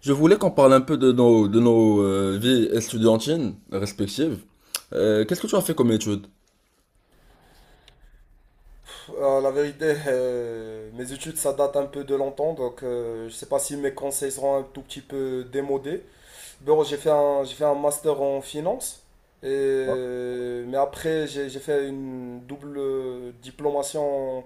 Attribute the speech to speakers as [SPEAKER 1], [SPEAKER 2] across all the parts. [SPEAKER 1] Je voulais qu'on parle un peu de nos vies étudiantines respectives. Qu'est-ce que tu as fait comme étude?
[SPEAKER 2] La vérité, mes études, ça date un peu de longtemps, donc je ne sais pas si mes conseils seront un tout petit peu démodés. Bon, j'ai fait un master en finance, et, mais après, j'ai fait une double diplomation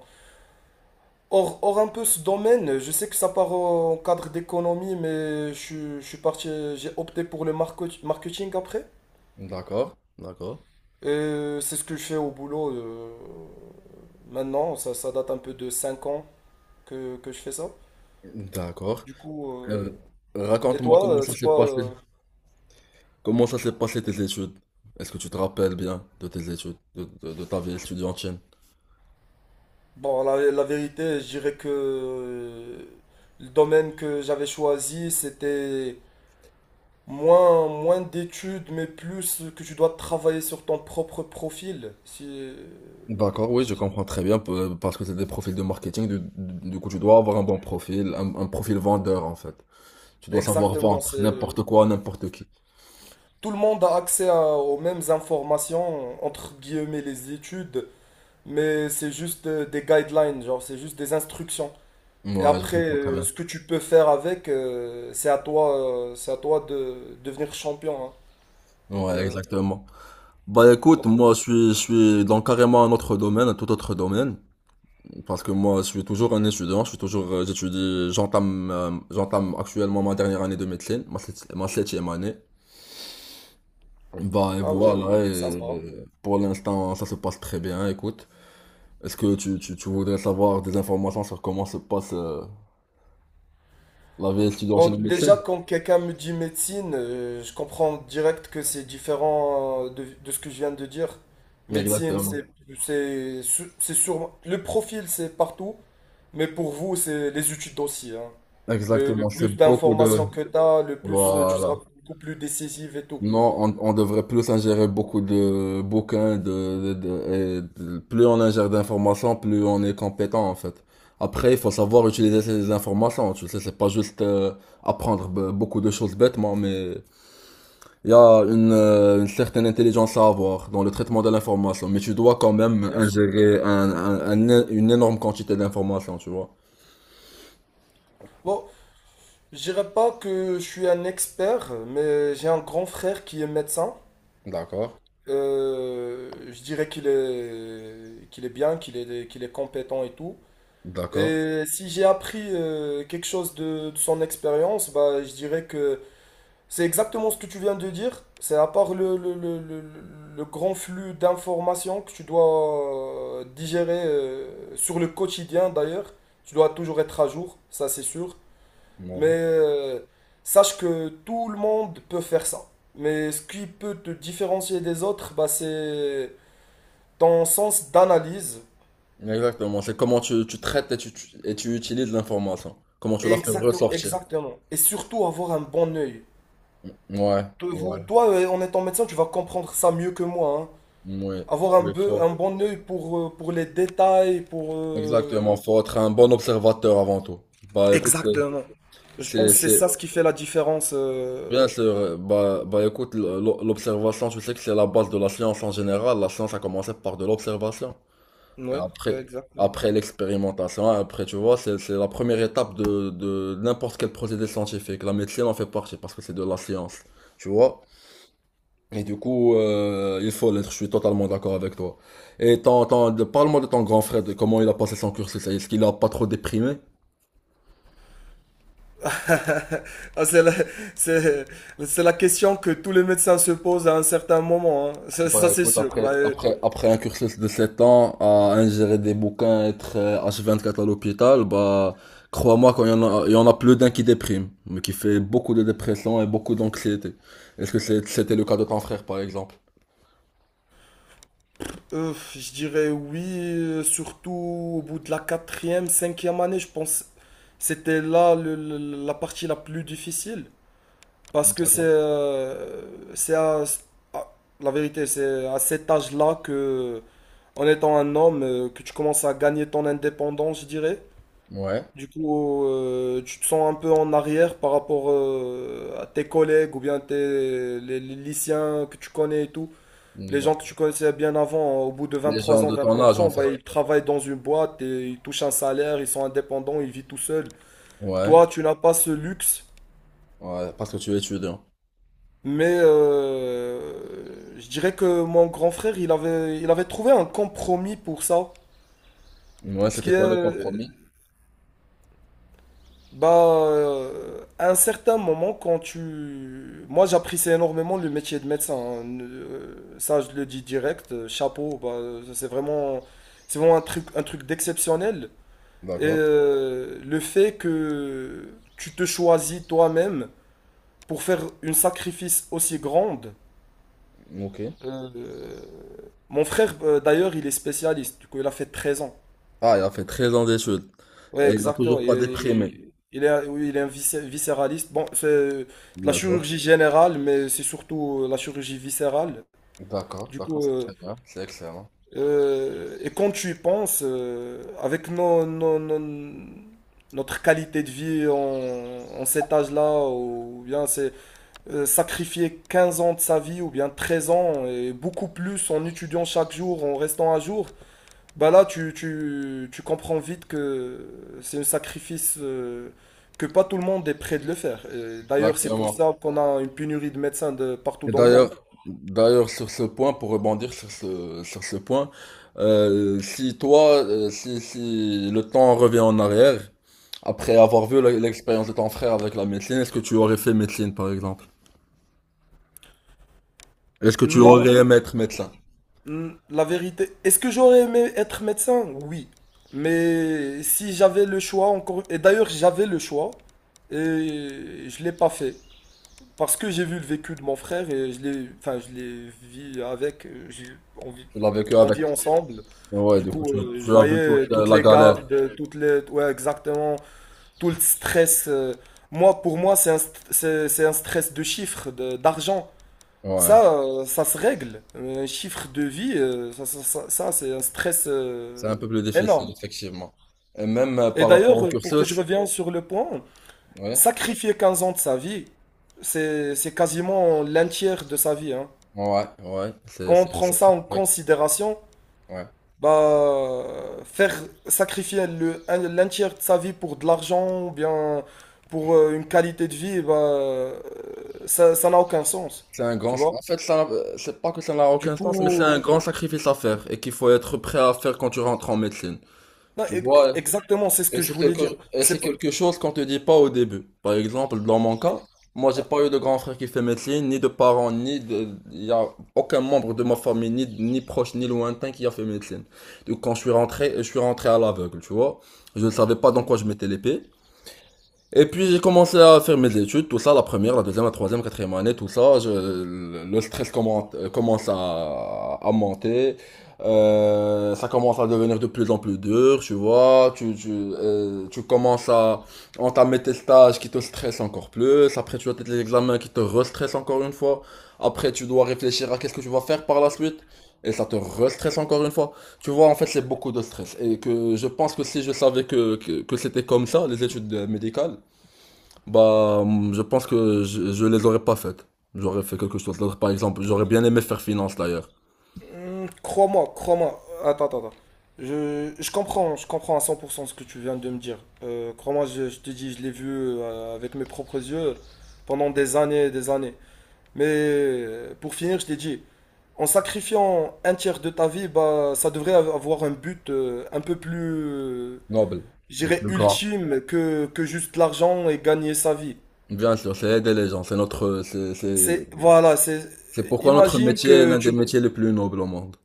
[SPEAKER 2] hors un peu ce domaine. Je sais que ça part en cadre d'économie, je suis parti, j'ai opté pour le marketing après.
[SPEAKER 1] D'accord, d'accord.
[SPEAKER 2] Et c'est ce que je fais au boulot maintenant, ça date un peu de 5 ans que je fais ça.
[SPEAKER 1] D'accord.
[SPEAKER 2] Du coup,
[SPEAKER 1] Euh,
[SPEAKER 2] et
[SPEAKER 1] Raconte-moi
[SPEAKER 2] toi,
[SPEAKER 1] comment ça
[SPEAKER 2] c'est
[SPEAKER 1] s'est
[SPEAKER 2] quoi
[SPEAKER 1] passé. Comment ça s'est passé tes études? Est-ce que tu te rappelles bien de tes études, de ta vie étudiantine?
[SPEAKER 2] Bon, la vérité, je dirais que le domaine que j'avais choisi, c'était moins d'études, mais plus que tu dois travailler sur ton propre profil.
[SPEAKER 1] D'accord, oui, je
[SPEAKER 2] Si-
[SPEAKER 1] comprends. Très bien parce que c'est des profils de marketing. Du coup, tu dois avoir un bon profil, un profil vendeur en fait. Tu dois savoir
[SPEAKER 2] exactement,
[SPEAKER 1] vendre
[SPEAKER 2] c'est...
[SPEAKER 1] n'importe quoi, à n'importe qui.
[SPEAKER 2] Tout le monde a accès aux mêmes informations, entre guillemets les études, mais c'est juste des guidelines, genre c'est juste des instructions. Et
[SPEAKER 1] Ouais, je
[SPEAKER 2] après,
[SPEAKER 1] comprends très bien.
[SPEAKER 2] ce que tu peux faire avec, c'est à toi de devenir champion, hein. Donc,
[SPEAKER 1] Ouais,
[SPEAKER 2] euh,
[SPEAKER 1] exactement. Bah écoute,
[SPEAKER 2] donc,
[SPEAKER 1] moi je suis dans carrément un autre domaine, un tout autre domaine, parce que moi je suis toujours un étudiant, j'étudie, j'entame actuellement ma dernière année de médecine, ma septième année. Bah et
[SPEAKER 2] ah oui,
[SPEAKER 1] voilà,
[SPEAKER 2] sympa.
[SPEAKER 1] pour l'instant ça se passe très bien, écoute. Est-ce que tu voudrais savoir des informations sur comment se passe la vie étudiante
[SPEAKER 2] Bon,
[SPEAKER 1] en
[SPEAKER 2] déjà,
[SPEAKER 1] médecine?
[SPEAKER 2] quand quelqu'un me dit médecine, je comprends direct que c'est différent de ce que je viens de dire. Médecine, c'est,
[SPEAKER 1] Exactement.
[SPEAKER 2] c'est, su- c'est sûrement- le profil, c'est partout, mais pour vous, c'est les études aussi, hein. Le
[SPEAKER 1] Exactement, c'est
[SPEAKER 2] plus
[SPEAKER 1] beaucoup
[SPEAKER 2] d'informations
[SPEAKER 1] de.
[SPEAKER 2] que tu as, le plus tu
[SPEAKER 1] Voilà.
[SPEAKER 2] seras beaucoup plus décisif et tout.
[SPEAKER 1] Non, on devrait plus ingérer beaucoup de bouquins, plus on ingère d'informations, plus on est compétent en fait. Après, il faut savoir utiliser ces informations, tu sais, c'est pas juste apprendre beaucoup de choses bêtement, mais il y a une certaine intelligence à avoir dans le traitement de l'information, mais tu dois quand même
[SPEAKER 2] Bien sûr.
[SPEAKER 1] ingérer une énorme quantité d'informations, tu vois.
[SPEAKER 2] Bon, je dirais pas que je suis un expert, mais j'ai un grand frère qui est médecin.
[SPEAKER 1] D'accord,
[SPEAKER 2] Je dirais qu'il est bien, qu'il est compétent et tout.
[SPEAKER 1] d'accord,
[SPEAKER 2] Et si j'ai appris quelque chose de son expérience, bah, je dirais que c'est exactement ce que tu viens de dire. C'est à part le grand flux d'informations que tu dois digérer sur le quotidien d'ailleurs. Tu dois toujours être à jour, ça c'est sûr. Mais
[SPEAKER 1] ouais.
[SPEAKER 2] sache que tout le monde peut faire ça. Mais ce qui peut te différencier des autres, bah, c'est ton sens d'analyse.
[SPEAKER 1] Exactement, c'est comment tu traites et tu utilises l'information, comment tu la fais
[SPEAKER 2] Exactement,
[SPEAKER 1] ressortir.
[SPEAKER 2] exactement. Et surtout avoir un bon œil.
[SPEAKER 1] Ouais, ouais,
[SPEAKER 2] Toi, en étant médecin, tu vas comprendre ça mieux que moi, hein.
[SPEAKER 1] ouais,
[SPEAKER 2] Avoir un,
[SPEAKER 1] oui,
[SPEAKER 2] peu- un bon œil pour les détails, pour...
[SPEAKER 1] exactement, faut être un bon observateur avant tout. Bah écoute,
[SPEAKER 2] Exactement. Je
[SPEAKER 1] c'est,
[SPEAKER 2] pense que c'est
[SPEAKER 1] c'est-
[SPEAKER 2] ça ce qui fait la différence.
[SPEAKER 1] bien sûr, bah écoute, l'observation, tu sais que c'est la base de la science en général, la science a commencé par de l'observation, et
[SPEAKER 2] Ouais, ouais,
[SPEAKER 1] après,
[SPEAKER 2] exactement.
[SPEAKER 1] après l'expérimentation, après, tu vois, c'est la première étape de n'importe quel procédé scientifique, la médecine en fait partie, parce que c'est de la science, tu vois? Et du coup, il faut l'être, je suis totalement d'accord avec toi. Et parle-moi de ton grand frère, de comment il a passé son cursus. Est-ce qu'il a pas trop déprimé?
[SPEAKER 2] Ah, c'est- c'est la question que tous les médecins se posent à un certain moment, hein. Ça,
[SPEAKER 1] Bah
[SPEAKER 2] c'est
[SPEAKER 1] écoute,
[SPEAKER 2] sûr.
[SPEAKER 1] après,
[SPEAKER 2] Bah, euh,
[SPEAKER 1] après, après un cursus de 7 ans à ingérer des bouquins, être H24 à l'hôpital, bah crois-moi qu'il y en a plus d'un qui déprime, mais qui fait beaucoup de dépression et beaucoup d'anxiété. Est-ce que c'était le cas de ton frère par exemple?
[SPEAKER 2] euh, je dirais oui, surtout au bout de la quatrième, cinquième année, je pense. C'était là la partie la plus difficile. Parce que
[SPEAKER 1] D'accord.
[SPEAKER 2] c'est à, à- la vérité, c'est à cet âge-là que, en étant un homme, que tu commences à gagner ton indépendance, je dirais.
[SPEAKER 1] Ouais.
[SPEAKER 2] Du coup, tu te sens un peu en arrière par rapport à tes collègues ou bien les lycéens que tu connais et tout.
[SPEAKER 1] Mm,
[SPEAKER 2] Les gens
[SPEAKER 1] bah.
[SPEAKER 2] que tu connaissais bien avant, hein, au bout de vingt
[SPEAKER 1] Les gens
[SPEAKER 2] trois ans,
[SPEAKER 1] de
[SPEAKER 2] vingt
[SPEAKER 1] ton âge
[SPEAKER 2] quatre
[SPEAKER 1] en
[SPEAKER 2] ans,
[SPEAKER 1] fait.
[SPEAKER 2] bah, ils travaillent dans une boîte et ils touchent un salaire, ils sont indépendants, ils vivent tout seuls.
[SPEAKER 1] Ouais.
[SPEAKER 2] Toi, tu n'as pas ce luxe,
[SPEAKER 1] Ouais, parce que tu es étudiant.
[SPEAKER 2] mais je dirais que mon grand frère, il avait trouvé un compromis pour ça.
[SPEAKER 1] Ouais,
[SPEAKER 2] Ce
[SPEAKER 1] c'était
[SPEAKER 2] qui
[SPEAKER 1] quoi le
[SPEAKER 2] est,
[SPEAKER 1] compromis?
[SPEAKER 2] bah, à un certain moment, quand tu... Moi, j'apprécie énormément le métier de médecin, hein. Ça, je le dis direct. Chapeau, bah, c'est vraiment un truc d'exceptionnel. Et
[SPEAKER 1] D'accord.
[SPEAKER 2] le fait que tu te choisis toi-même pour faire une sacrifice aussi grande.
[SPEAKER 1] Ok.
[SPEAKER 2] euh, Mon frère, d'ailleurs, il est spécialiste. Du coup, il a fait 13 ans.
[SPEAKER 1] Ah, il a fait 13 ans d'études.
[SPEAKER 2] Ouais,
[SPEAKER 1] Et il n'a
[SPEAKER 2] exactement.
[SPEAKER 1] toujours pas déprimé.
[SPEAKER 2] Oui, il est un viscéraliste. Bon, c'est de la
[SPEAKER 1] D'accord.
[SPEAKER 2] chirurgie générale, mais c'est surtout la chirurgie viscérale.
[SPEAKER 1] D'accord,
[SPEAKER 2] Du
[SPEAKER 1] d'accord,
[SPEAKER 2] coup,
[SPEAKER 1] c'est très bien. C'est excellent.
[SPEAKER 2] et quand tu y penses, avec notre qualité de vie en, en cet âge-là, ou bien c'est sacrifier 15 ans de sa vie, ou bien 13 ans, et beaucoup plus en étudiant chaque jour, en restant à jour, bah là, tu comprends vite que c'est un sacrifice que pas tout le monde est prêt de le faire. Et d'ailleurs, c'est pour
[SPEAKER 1] Exactement.
[SPEAKER 2] ça qu'on a une pénurie de médecins de partout
[SPEAKER 1] Et
[SPEAKER 2] dans le
[SPEAKER 1] d'ailleurs,
[SPEAKER 2] monde.
[SPEAKER 1] d'ailleurs, sur ce point, pour rebondir sur ce point, si toi, si le temps revient en arrière, après avoir vu l'expérience de ton frère avec la médecine, est-ce que tu aurais fait médecine, par exemple? Est-ce que tu
[SPEAKER 2] Non,
[SPEAKER 1] aurais aimé être médecin?
[SPEAKER 2] mm, la vérité. Est-ce que j'aurais aimé être médecin? Oui. Mais si j'avais le choix encore... Et d'ailleurs, j'avais le choix et je l'ai pas fait. Parce que j'ai vu le vécu de mon frère et je l'ai, enfin, je l'ai vu avec. Envie-
[SPEAKER 1] Tu l'as vécu
[SPEAKER 2] on
[SPEAKER 1] avec.
[SPEAKER 2] vit ensemble.
[SPEAKER 1] Ouais,
[SPEAKER 2] Du
[SPEAKER 1] du coup,
[SPEAKER 2] coup,
[SPEAKER 1] tu,
[SPEAKER 2] je
[SPEAKER 1] tu as vu toute
[SPEAKER 2] voyais toutes
[SPEAKER 1] la
[SPEAKER 2] les
[SPEAKER 1] galère.
[SPEAKER 2] gardes, ouais, exactement, tout le stress. Moi, pour moi, c'est un stress de chiffres, d'argent.
[SPEAKER 1] Ouais.
[SPEAKER 2] Ça, ça se règle. Un chiffre de vie, c'est un stress
[SPEAKER 1] C'est un peu plus difficile,
[SPEAKER 2] énorme.
[SPEAKER 1] effectivement. Et même
[SPEAKER 2] Et
[SPEAKER 1] par rapport
[SPEAKER 2] d'ailleurs,
[SPEAKER 1] au
[SPEAKER 2] pour que je
[SPEAKER 1] cursus,
[SPEAKER 2] revienne sur le point,
[SPEAKER 1] ouais,
[SPEAKER 2] sacrifier 15 ans de sa vie, c'est quasiment l'un tiers de sa vie, hein.
[SPEAKER 1] ouais, ouais, c'est
[SPEAKER 2] Quand on
[SPEAKER 1] c'est-
[SPEAKER 2] prend
[SPEAKER 1] c'est
[SPEAKER 2] ça
[SPEAKER 1] très
[SPEAKER 2] en
[SPEAKER 1] correct.
[SPEAKER 2] considération,
[SPEAKER 1] Ouais.
[SPEAKER 2] bah, faire sacrifier l'un tiers de sa vie pour de l'argent ou bien pour une qualité de vie, bah, ça n'a aucun sens,
[SPEAKER 1] C'est un grand,
[SPEAKER 2] tu vois?
[SPEAKER 1] en fait, ça, c'est pas que ça n'a
[SPEAKER 2] Du
[SPEAKER 1] aucun sens, mais c'est un
[SPEAKER 2] coup,
[SPEAKER 1] grand sacrifice à faire et qu'il faut être prêt à faire quand tu rentres en médecine.
[SPEAKER 2] non,
[SPEAKER 1] Tu vois,
[SPEAKER 2] exactement, c'est ce
[SPEAKER 1] Et
[SPEAKER 2] que je
[SPEAKER 1] c'est
[SPEAKER 2] voulais
[SPEAKER 1] quelque,
[SPEAKER 2] dire.
[SPEAKER 1] et c'est
[SPEAKER 2] C'est pas,
[SPEAKER 1] quelque chose qu'on te dit pas au début. Par exemple, dans mon cas, moi j'ai pas eu de grand frère qui fait médecine, ni de parents, ni de, il y a aucun membre de ma famille, ni proche, ni lointain qui a fait médecine. Donc quand je suis rentré à l'aveugle, tu vois. Je ne savais pas dans quoi je mettais l'épée. Et puis j'ai commencé à faire mes études, tout ça, la première, la deuxième, la troisième, quatrième année, tout ça. Le stress commence à monter. Ça commence à devenir de plus en plus dur, tu vois. Tu commences à entamer tes stages qui te stressent encore plus. Après, tu as tes examens qui te restressent encore une fois. Après, tu dois réfléchir à qu'est-ce que tu vas faire par la suite. Et ça te restresse encore une fois. Tu vois, en fait, c'est beaucoup de stress. Et que je pense que si je savais que c'était comme ça, les études médicales, bah, je pense que je les aurais pas faites. J'aurais fait quelque chose d'autre. Par exemple, j'aurais bien aimé faire finance d'ailleurs.
[SPEAKER 2] hmm, crois-moi, crois-moi. Attends, attends, attends. Je comprends à 100% ce que tu viens de me dire. Crois-moi, je te dis, je l'ai vu avec mes propres yeux pendant des années et des années. Mais pour finir, je t'ai dit, en sacrifiant un tiers de ta vie, bah, ça devrait avoir un but un peu plus, euh,
[SPEAKER 1] Noble.
[SPEAKER 2] je
[SPEAKER 1] Le
[SPEAKER 2] dirais,
[SPEAKER 1] plus grand.
[SPEAKER 2] ultime que juste l'argent et gagner sa vie.
[SPEAKER 1] Bien sûr, c'est aider les gens.
[SPEAKER 2] C'est, voilà, c'est,
[SPEAKER 1] C'est pourquoi notre
[SPEAKER 2] imagine
[SPEAKER 1] métier est
[SPEAKER 2] que
[SPEAKER 1] l'un des
[SPEAKER 2] tu,
[SPEAKER 1] métiers les plus nobles au monde.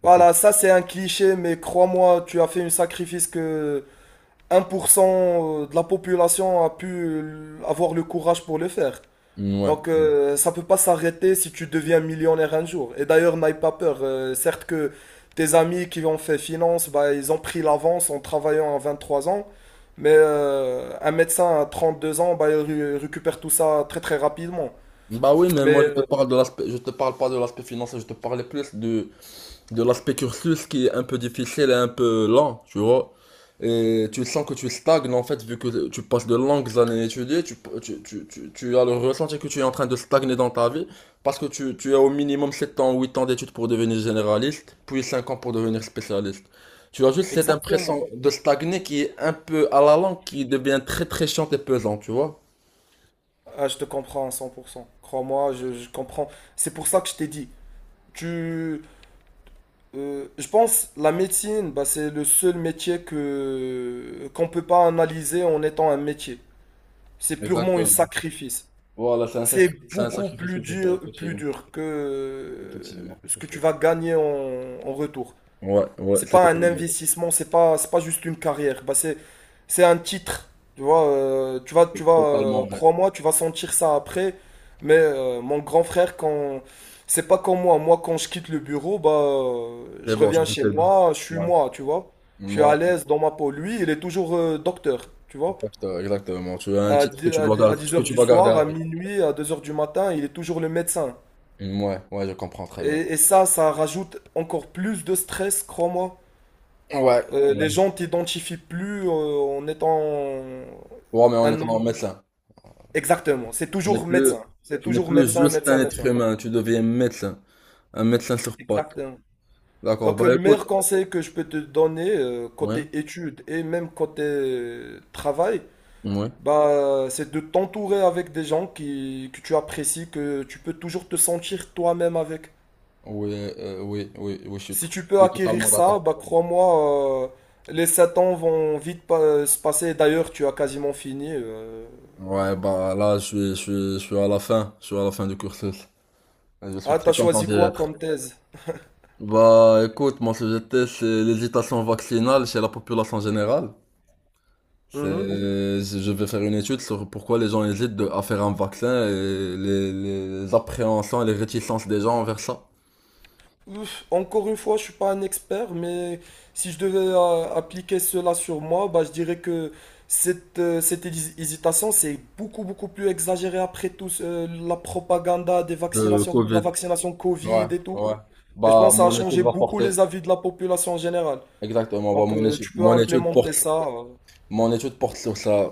[SPEAKER 1] C'est pour.
[SPEAKER 2] voilà, ça c'est un cliché, mais crois-moi, tu as fait un sacrifice que 1% de la population a pu avoir le courage pour le faire.
[SPEAKER 1] Ouais.
[SPEAKER 2] Donc ça peut pas s'arrêter si tu deviens millionnaire un jour. Et d'ailleurs, n'aie pas peur. Certes que tes amis qui ont fait finance, bah, ils ont pris l'avance en travaillant à 23 ans. Mais un médecin à 32 ans, bah, il récupère tout ça très très rapidement.
[SPEAKER 1] Bah oui, mais
[SPEAKER 2] Mais
[SPEAKER 1] moi je te parle de l'aspect, je te parle pas de l'aspect financier, je te parlais plus de l'aspect cursus qui est un peu difficile et un peu lent, tu vois. Et tu sens que tu stagnes en fait, vu que tu passes de longues années à étudier, tu as le ressenti que tu es en train de stagner dans ta vie, parce que tu as au minimum 7 ans, 8 ans d'études pour devenir généraliste, puis 5 ans pour devenir spécialiste. Tu as juste cette
[SPEAKER 2] exactement.
[SPEAKER 1] impression de stagner qui est un peu à la langue, qui devient très très chiante et pesante, tu vois.
[SPEAKER 2] Ah, je te comprends à 100%. Crois-moi, je comprends. C'est pour ça que je t'ai dit. Tu, je pense la médecine, bah, c'est le seul métier que qu'on peut pas analyser en étant un métier. C'est purement un
[SPEAKER 1] Exactement.
[SPEAKER 2] sacrifice.
[SPEAKER 1] Voilà, c'est un
[SPEAKER 2] C'est
[SPEAKER 1] sacr- c'est un
[SPEAKER 2] beaucoup
[SPEAKER 1] sacrifice que tu fais,
[SPEAKER 2] plus
[SPEAKER 1] effectivement.
[SPEAKER 2] dur que
[SPEAKER 1] Effectivement,
[SPEAKER 2] ce que tu vas
[SPEAKER 1] effectivement.
[SPEAKER 2] gagner en, en retour.
[SPEAKER 1] Ouais, ouais,
[SPEAKER 2] C'est
[SPEAKER 1] c'est
[SPEAKER 2] pas un
[SPEAKER 1] totalement,
[SPEAKER 2] investissement, c'est pas juste une carrière. Bah, c'est un titre. Tu vois, tu vas,
[SPEAKER 1] totalement vrai.
[SPEAKER 2] crois-moi, tu vas sentir ça après. Mais mon grand frère, quand c'est pas comme moi, moi quand je quitte le bureau, bah,
[SPEAKER 1] C'est
[SPEAKER 2] je
[SPEAKER 1] bon, j'en
[SPEAKER 2] reviens
[SPEAKER 1] ai
[SPEAKER 2] chez
[SPEAKER 1] fait deux.
[SPEAKER 2] moi, je suis
[SPEAKER 1] Ouais.
[SPEAKER 2] moi, tu vois. Je suis
[SPEAKER 1] Ouais,
[SPEAKER 2] à l'aise dans ma peau. Lui, il est toujours docteur, tu vois,
[SPEAKER 1] exactement. Tu as un
[SPEAKER 2] à
[SPEAKER 1] titre que tu dois garder,
[SPEAKER 2] dix
[SPEAKER 1] que
[SPEAKER 2] heures
[SPEAKER 1] tu
[SPEAKER 2] du
[SPEAKER 1] dois garder
[SPEAKER 2] soir,
[SPEAKER 1] à
[SPEAKER 2] à
[SPEAKER 1] vie.
[SPEAKER 2] minuit, à 2 heures du matin, il est toujours le médecin.
[SPEAKER 1] Ouais, ouais, je comprends très bien.
[SPEAKER 2] Et ça, ça rajoute encore plus de stress, crois-moi.
[SPEAKER 1] Ouais. Ouais.
[SPEAKER 2] Les gens t'identifient plus en étant
[SPEAKER 1] Ouais, mais on
[SPEAKER 2] un
[SPEAKER 1] est
[SPEAKER 2] nom.
[SPEAKER 1] en médecin.
[SPEAKER 2] Exactement, c'est
[SPEAKER 1] Tu n'es
[SPEAKER 2] toujours
[SPEAKER 1] plus,
[SPEAKER 2] médecin. C'est
[SPEAKER 1] tu n'es
[SPEAKER 2] toujours
[SPEAKER 1] plus
[SPEAKER 2] médecin,
[SPEAKER 1] juste un
[SPEAKER 2] médecin,
[SPEAKER 1] être
[SPEAKER 2] médecin.
[SPEAKER 1] humain, tu deviens médecin, un médecin sur pattes.
[SPEAKER 2] Exactement.
[SPEAKER 1] D'accord,
[SPEAKER 2] Donc
[SPEAKER 1] bah
[SPEAKER 2] le
[SPEAKER 1] écoute,
[SPEAKER 2] meilleur conseil que je peux te donner,
[SPEAKER 1] ouais,
[SPEAKER 2] côté études et même côté travail,
[SPEAKER 1] ouais,
[SPEAKER 2] bah, c'est de t'entourer avec des gens que tu apprécies, que tu peux toujours te sentir toi-même avec.
[SPEAKER 1] oui, oui, oui, oui, je suis,
[SPEAKER 2] Si tu peux
[SPEAKER 1] je suis
[SPEAKER 2] acquérir
[SPEAKER 1] totalement
[SPEAKER 2] ça,
[SPEAKER 1] d'accord.
[SPEAKER 2] bah crois-moi, les 7 ans vont vite se passer. D'ailleurs, tu as quasiment fini.
[SPEAKER 1] Ouais, bah là, je suis à la fin, du cursus. Je suis
[SPEAKER 2] Ah, t'as
[SPEAKER 1] très content
[SPEAKER 2] choisi
[SPEAKER 1] d'y
[SPEAKER 2] quoi
[SPEAKER 1] être.
[SPEAKER 2] comme thèse?
[SPEAKER 1] Bah écoute, mon sujet de thèse, c'est l'hésitation vaccinale chez la population générale.
[SPEAKER 2] Mhm.
[SPEAKER 1] Je vais faire une étude sur pourquoi les gens hésitent à faire un vaccin et les appréhensions et les réticences des gens envers ça.
[SPEAKER 2] Ouf, encore une fois, je suis pas un expert, mais si je devais appliquer cela sur moi, bah je dirais que cette hésitation, c'est beaucoup beaucoup plus exagéré après la propagande des
[SPEAKER 1] Le
[SPEAKER 2] vaccinations, de la
[SPEAKER 1] Covid.
[SPEAKER 2] vaccination Covid
[SPEAKER 1] Ouais,
[SPEAKER 2] et tout.
[SPEAKER 1] ouais.
[SPEAKER 2] Et je
[SPEAKER 1] Bah
[SPEAKER 2] pense que ça a
[SPEAKER 1] mon étude
[SPEAKER 2] changé
[SPEAKER 1] va
[SPEAKER 2] beaucoup
[SPEAKER 1] porter.
[SPEAKER 2] les avis de la population en général.
[SPEAKER 1] Exactement. Bah
[SPEAKER 2] Donc, tu peux implémenter ça.
[SPEAKER 1] mon étude porte sur ça,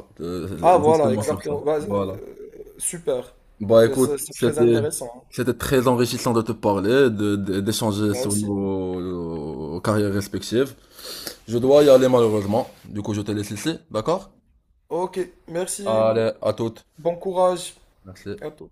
[SPEAKER 2] Ah voilà,
[SPEAKER 1] justement sur ça.
[SPEAKER 2] exactement. Bah,
[SPEAKER 1] Voilà.
[SPEAKER 2] super.
[SPEAKER 1] Bah écoute,
[SPEAKER 2] C'est très
[SPEAKER 1] c'était
[SPEAKER 2] intéressant, hein.
[SPEAKER 1] c'était très enrichissant de te parler, d'échanger
[SPEAKER 2] Moi
[SPEAKER 1] sur
[SPEAKER 2] aussi.
[SPEAKER 1] nos carrières respectives. Je dois y aller malheureusement, du coup je te laisse ici, d'accord?
[SPEAKER 2] Ok, merci.
[SPEAKER 1] Allez, à toutes.
[SPEAKER 2] Bon courage.
[SPEAKER 1] Merci.
[SPEAKER 2] À tout.